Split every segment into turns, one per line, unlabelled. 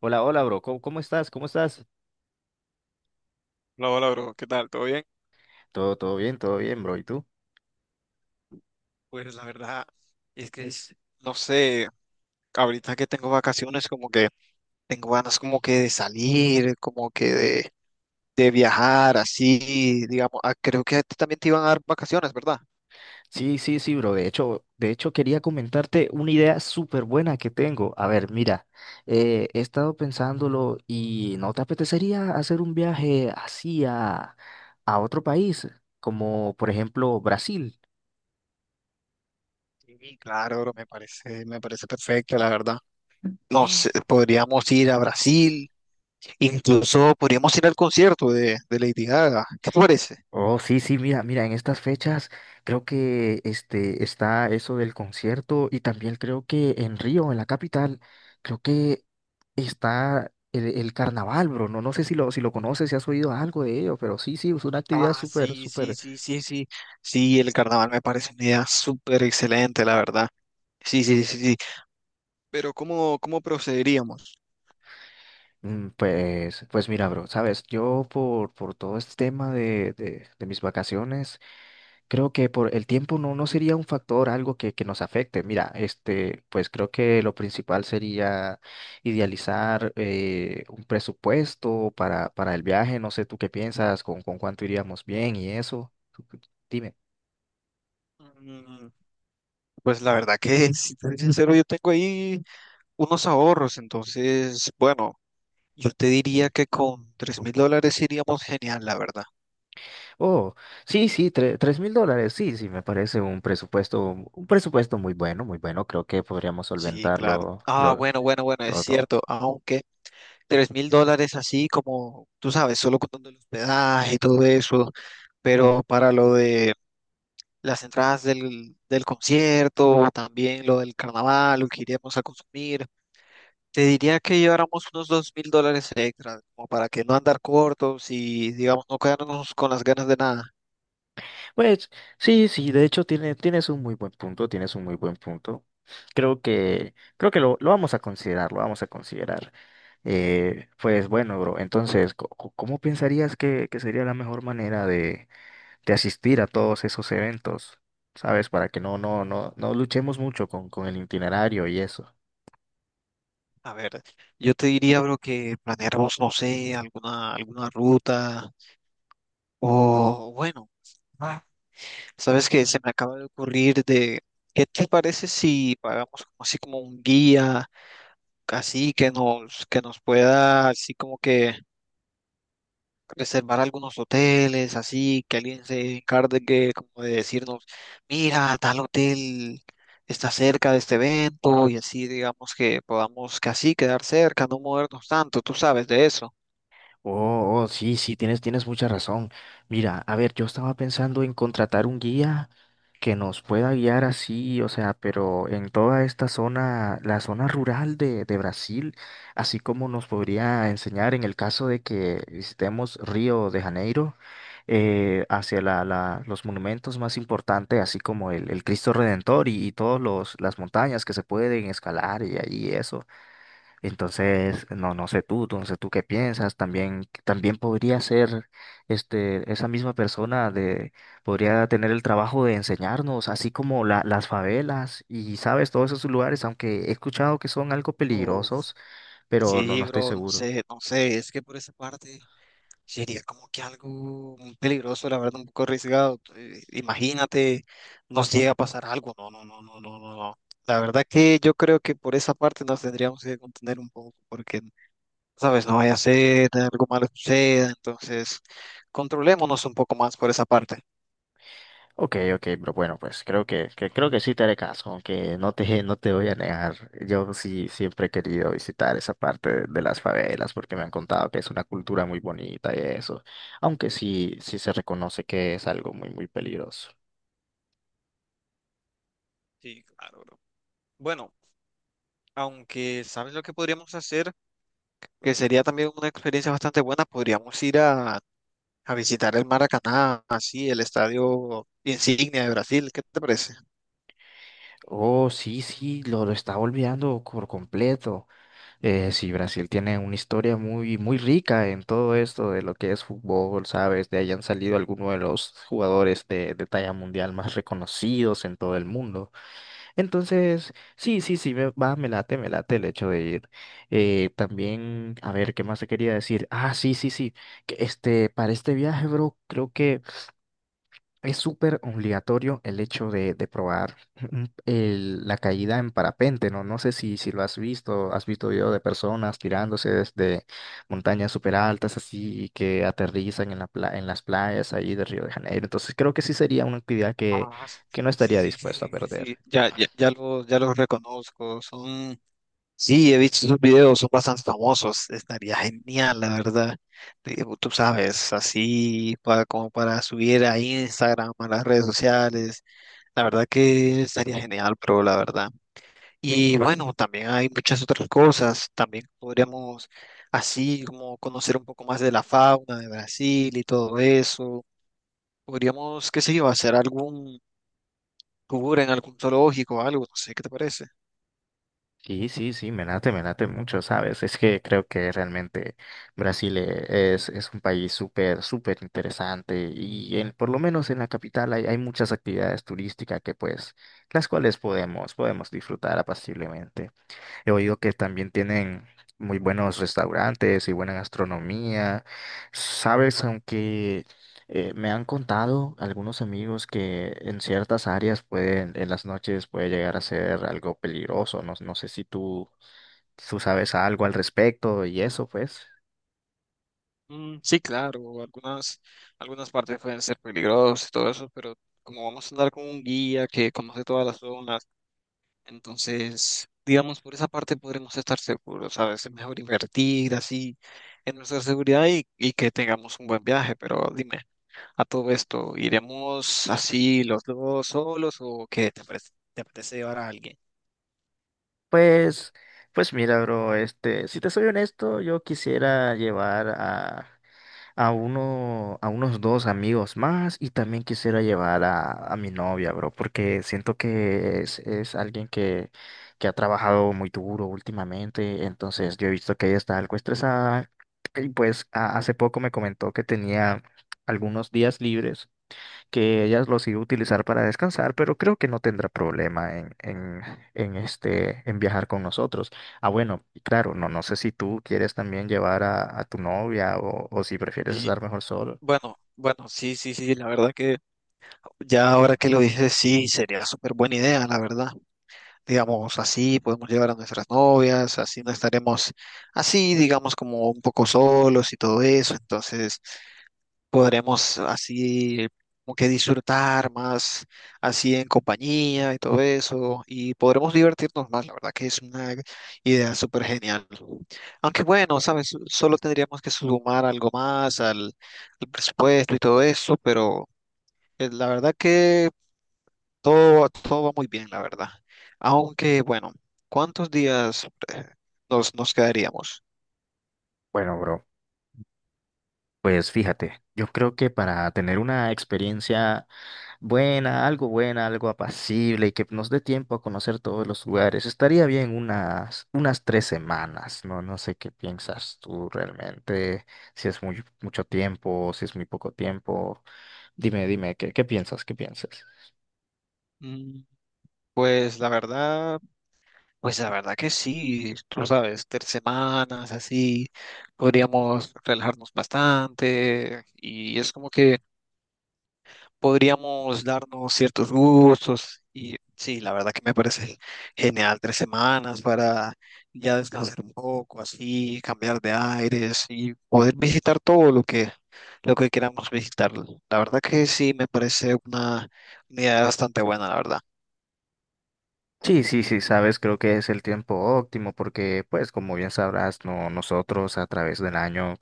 Hola, hola, bro. ¿Cómo estás? ¿Cómo estás?
Hola, hola, bro. ¿Qué tal? ¿Todo bien?
Todo bien, todo bien, bro. ¿Y tú?
Pues la verdad es que no sé, ahorita que tengo vacaciones como que tengo ganas como que de salir, como que de viajar, así, digamos. Ah, creo que a ti también te iban a dar vacaciones, ¿verdad?
Sí, sí, sí, bro. De hecho, quería comentarte una idea súper buena que tengo. A ver, mira, he estado pensándolo y ¿no te apetecería hacer un viaje así a otro país, como por ejemplo Brasil?
Sí, claro, bro, me parece perfecto, la verdad. No sé, podríamos ir a Brasil, incluso podríamos ir al concierto de Lady Gaga. ¿Qué te parece?
Oh, sí, sí, mira, mira, en estas fechas creo que está eso del concierto y también creo que en Río, en la capital, creo que está el carnaval, bro. No, no sé si lo conoces, si has oído algo de ello, pero sí, sí, es una actividad
Ah,
súper,
sí, sí,
súper.
sí, sí, sí. Sí, el carnaval me parece una idea súper excelente, la verdad. Sí, sí, sí, sí. Pero ¿cómo procederíamos?
Pues mira, bro, sabes, yo por todo este tema de mis vacaciones. Creo que por el tiempo no sería un factor, algo que nos afecte. Mira, pues creo que lo principal sería idealizar un presupuesto para el viaje. No sé tú qué piensas, con cuánto iríamos bien y eso. Tú- tú Dime.
Mm, Pues la verdad que, si te soy sincero, yo tengo ahí unos ahorros, entonces, bueno, yo te diría que con $3,000 iríamos genial, la verdad.
Oh, sí, sí, $3.000. Sí, sí, me parece un presupuesto muy bueno, muy bueno. Creo que podríamos
Sí, claro.
solventarlo
Ah, bueno, bueno, bueno, es
todo, todo.
cierto, aunque $3,000 así como, tú sabes, solo contando el hospedaje y todo eso, pero para lo de las entradas del concierto, también lo del carnaval, lo que iríamos a consumir. Te diría que lleváramos unos $2,000 extra, como para que no andar cortos y, digamos, no quedarnos con las ganas de nada.
Pues sí, sí, de hecho tienes un muy buen punto, tienes un muy buen punto. Creo que lo vamos a considerar, lo vamos a considerar. Pues bueno, bro, entonces, ¿cómo pensarías que sería la mejor manera de asistir a todos esos eventos? ¿Sabes? Para que no luchemos mucho con el itinerario y eso.
A ver, yo te diría, bro, que planeáramos, no sé, alguna ruta o, bueno, ah, sabes que se me acaba de ocurrir de, ¿qué te parece si pagamos como así como un guía, así que nos pueda, así como que reservar algunos hoteles, así que alguien se encargue como de decirnos, mira, tal hotel está cerca de este evento y así digamos que podamos casi quedar cerca, no movernos tanto, tú sabes de eso.
Oh, oh, sí, sí, tienes mucha razón. Mira, a ver, yo estaba pensando en contratar un guía que nos pueda guiar así, o sea, pero en toda esta zona, la zona rural de Brasil, así como nos podría enseñar en el caso de que visitemos Río de Janeiro, hacia los monumentos más importantes, así como el Cristo Redentor y todas las montañas que se pueden escalar y ahí eso. Entonces, no sé tú, no sé tú qué piensas, también podría ser esa misma persona de, podría tener el trabajo de enseñarnos, así como las favelas y, sabes, todos esos lugares, aunque he escuchado que son algo
Uf,
peligrosos, pero no
sí,
estoy
bro, no
seguro.
sé, no sé, es que por esa parte sería como que algo muy peligroso, la verdad, un poco arriesgado. Imagínate, nos llega a pasar algo, no, no, no, no, no, no, no. La verdad que yo creo que por esa parte nos tendríamos que contener un poco, porque ¿sabes? No vaya a ser, algo malo suceda, entonces controlémonos un poco más por esa parte.
Ok, ok, pero bueno, pues creo que creo que sí te haré caso, aunque no te voy a negar. Yo sí siempre he querido visitar esa parte de las favelas porque me han contado que es una cultura muy bonita y eso, aunque sí, sí se reconoce que es algo muy, muy peligroso.
Sí, claro, bro. Bueno, aunque sabes lo que podríamos hacer, que sería también una experiencia bastante buena, podríamos ir a visitar el Maracaná, así, el estadio insignia de Brasil, ¿qué te parece?
Oh, sí, sí, lo estaba olvidando por completo. Sí, Brasil tiene una historia muy, muy rica en todo esto de lo que es fútbol, ¿sabes? De ahí han salido algunos de los jugadores de talla mundial más reconocidos en todo el mundo. Entonces, sí, sí, sí, me late el hecho de ir. También, a ver, ¿qué más te quería decir? Ah, sí, sí, sí, que para este viaje, bro, creo que es súper obligatorio el hecho de probar la caída en parapente, ¿no? No sé si lo has visto video de personas tirándose desde montañas súper altas, así, que aterrizan en las playas ahí de Río de Janeiro. Entonces, creo que sí sería una actividad que,
Ah,
que no
sí,
estaría
sí, sí,
dispuesto a
sí, sí, sí.
perder.
Sí, ya, ya, ya los reconozco, son. Sí, he visto esos videos, son bastante famosos. Estaría genial, la verdad. Tú sabes, así para, como para subir a Instagram, a las redes sociales. La verdad que estaría genial, pero la verdad. Y bueno, también hay muchas otras cosas. También podríamos así como conocer un poco más de la fauna de Brasil y todo eso. Podríamos, qué sé yo, hacer algún tour en algún zoológico o algo, no sé, ¿qué te parece?
Sí, sí, sí, me late mucho, ¿sabes? Es que creo que realmente Brasil es un país súper, súper interesante y por lo menos en la capital hay muchas actividades turísticas que pues, las cuales podemos disfrutar apaciblemente. He oído que también tienen muy buenos restaurantes y buena gastronomía. Sabes, aunque me han contado algunos amigos que en ciertas áreas en las noches puede llegar a ser algo peligroso. No, no sé si tú sabes algo al respecto y eso, pues.
Mm, sí, claro, algunas partes pueden ser peligrosas y todo eso, pero como vamos a andar con un guía que conoce todas las zonas, entonces, digamos, por esa parte podremos estar seguros, ¿sabes? Es mejor invertir así en nuestra seguridad y que tengamos un buen viaje, pero dime, a todo esto, ¿iremos así los dos solos o qué te parece, te apetece llevar a alguien?
Pues, pues mira, bro, si te soy honesto, yo quisiera llevar a unos dos amigos más y también quisiera llevar a mi novia, bro, porque siento que es alguien que ha trabajado muy duro últimamente, entonces yo he visto que ella está algo estresada y pues hace poco me comentó que tenía algunos días libres que ellas los iba a utilizar para descansar, pero creo que no tendrá problema en viajar con nosotros. Ah, bueno, y claro, no, no sé si tú quieres también llevar a tu novia o si prefieres
Y
estar mejor solo.
bueno, bueno, sí, sí, sí, la verdad que ya ahora que lo dices, sí, sería súper buena idea, la verdad. Digamos, así podemos llevar a nuestras novias, así no estaremos así, digamos, como un poco solos y todo eso, entonces podremos así como que disfrutar más, así en compañía y todo eso, y podremos divertirnos más, la verdad que es una idea súper genial. Aunque bueno, sabes, solo tendríamos que sumar algo más al presupuesto y todo eso, pero. La verdad que todo, todo va muy bien, la verdad. Aunque, bueno, ¿cuántos días eh, nos quedaríamos?
Bueno, bro. Pues fíjate, yo creo que para tener una experiencia algo buena, algo apacible y que nos dé tiempo a conocer todos los lugares, estaría bien unas 3 semanas, ¿no? No sé qué piensas tú realmente, si es mucho tiempo, si es muy poco tiempo. Dime, dime, ¿qué piensas? ¿Qué piensas?
Mm, Pues la verdad, pues la verdad que sí, tú sabes, 3 semanas así, podríamos relajarnos bastante y es como que podríamos darnos ciertos gustos y sí, la verdad que me parece genial 3 semanas para ya descansar un poco, así, cambiar de aires y poder visitar todo lo que, queramos visitar. La verdad que sí, me parece una idea bastante buena, la verdad.
Sí, sí, sí, sabes, creo que es el tiempo óptimo porque, pues, como bien sabrás, no, nosotros a través del año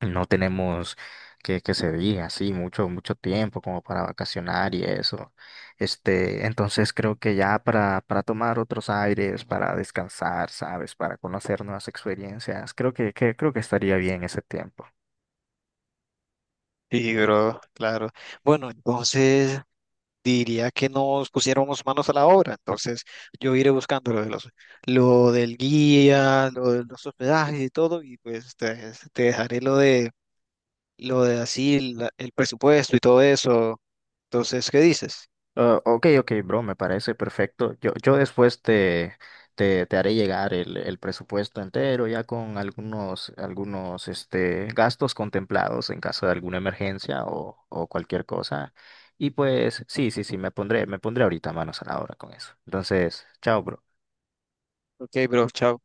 no tenemos que se diga así mucho, mucho tiempo como para vacacionar y eso. Entonces creo que ya para tomar otros aires, para descansar, ¿sabes? Para conocer nuevas experiencias, creo que estaría bien ese tiempo.
Sí, bro, claro. Bueno, entonces diría que nos pusiéramos manos a la obra. Entonces, yo iré buscando lo del guía, lo de los hospedajes y todo, y pues te dejaré lo de así, el presupuesto y todo eso. Entonces, ¿qué dices?
Ah, ok, ok, bro, me parece perfecto. Yo después te haré llegar el presupuesto entero, ya con algunos gastos contemplados en caso de alguna emergencia o cualquier cosa. Y pues, sí, sí, sí, me pondré ahorita manos a la obra con eso. Entonces, chao, bro.
Ok, bro, chao.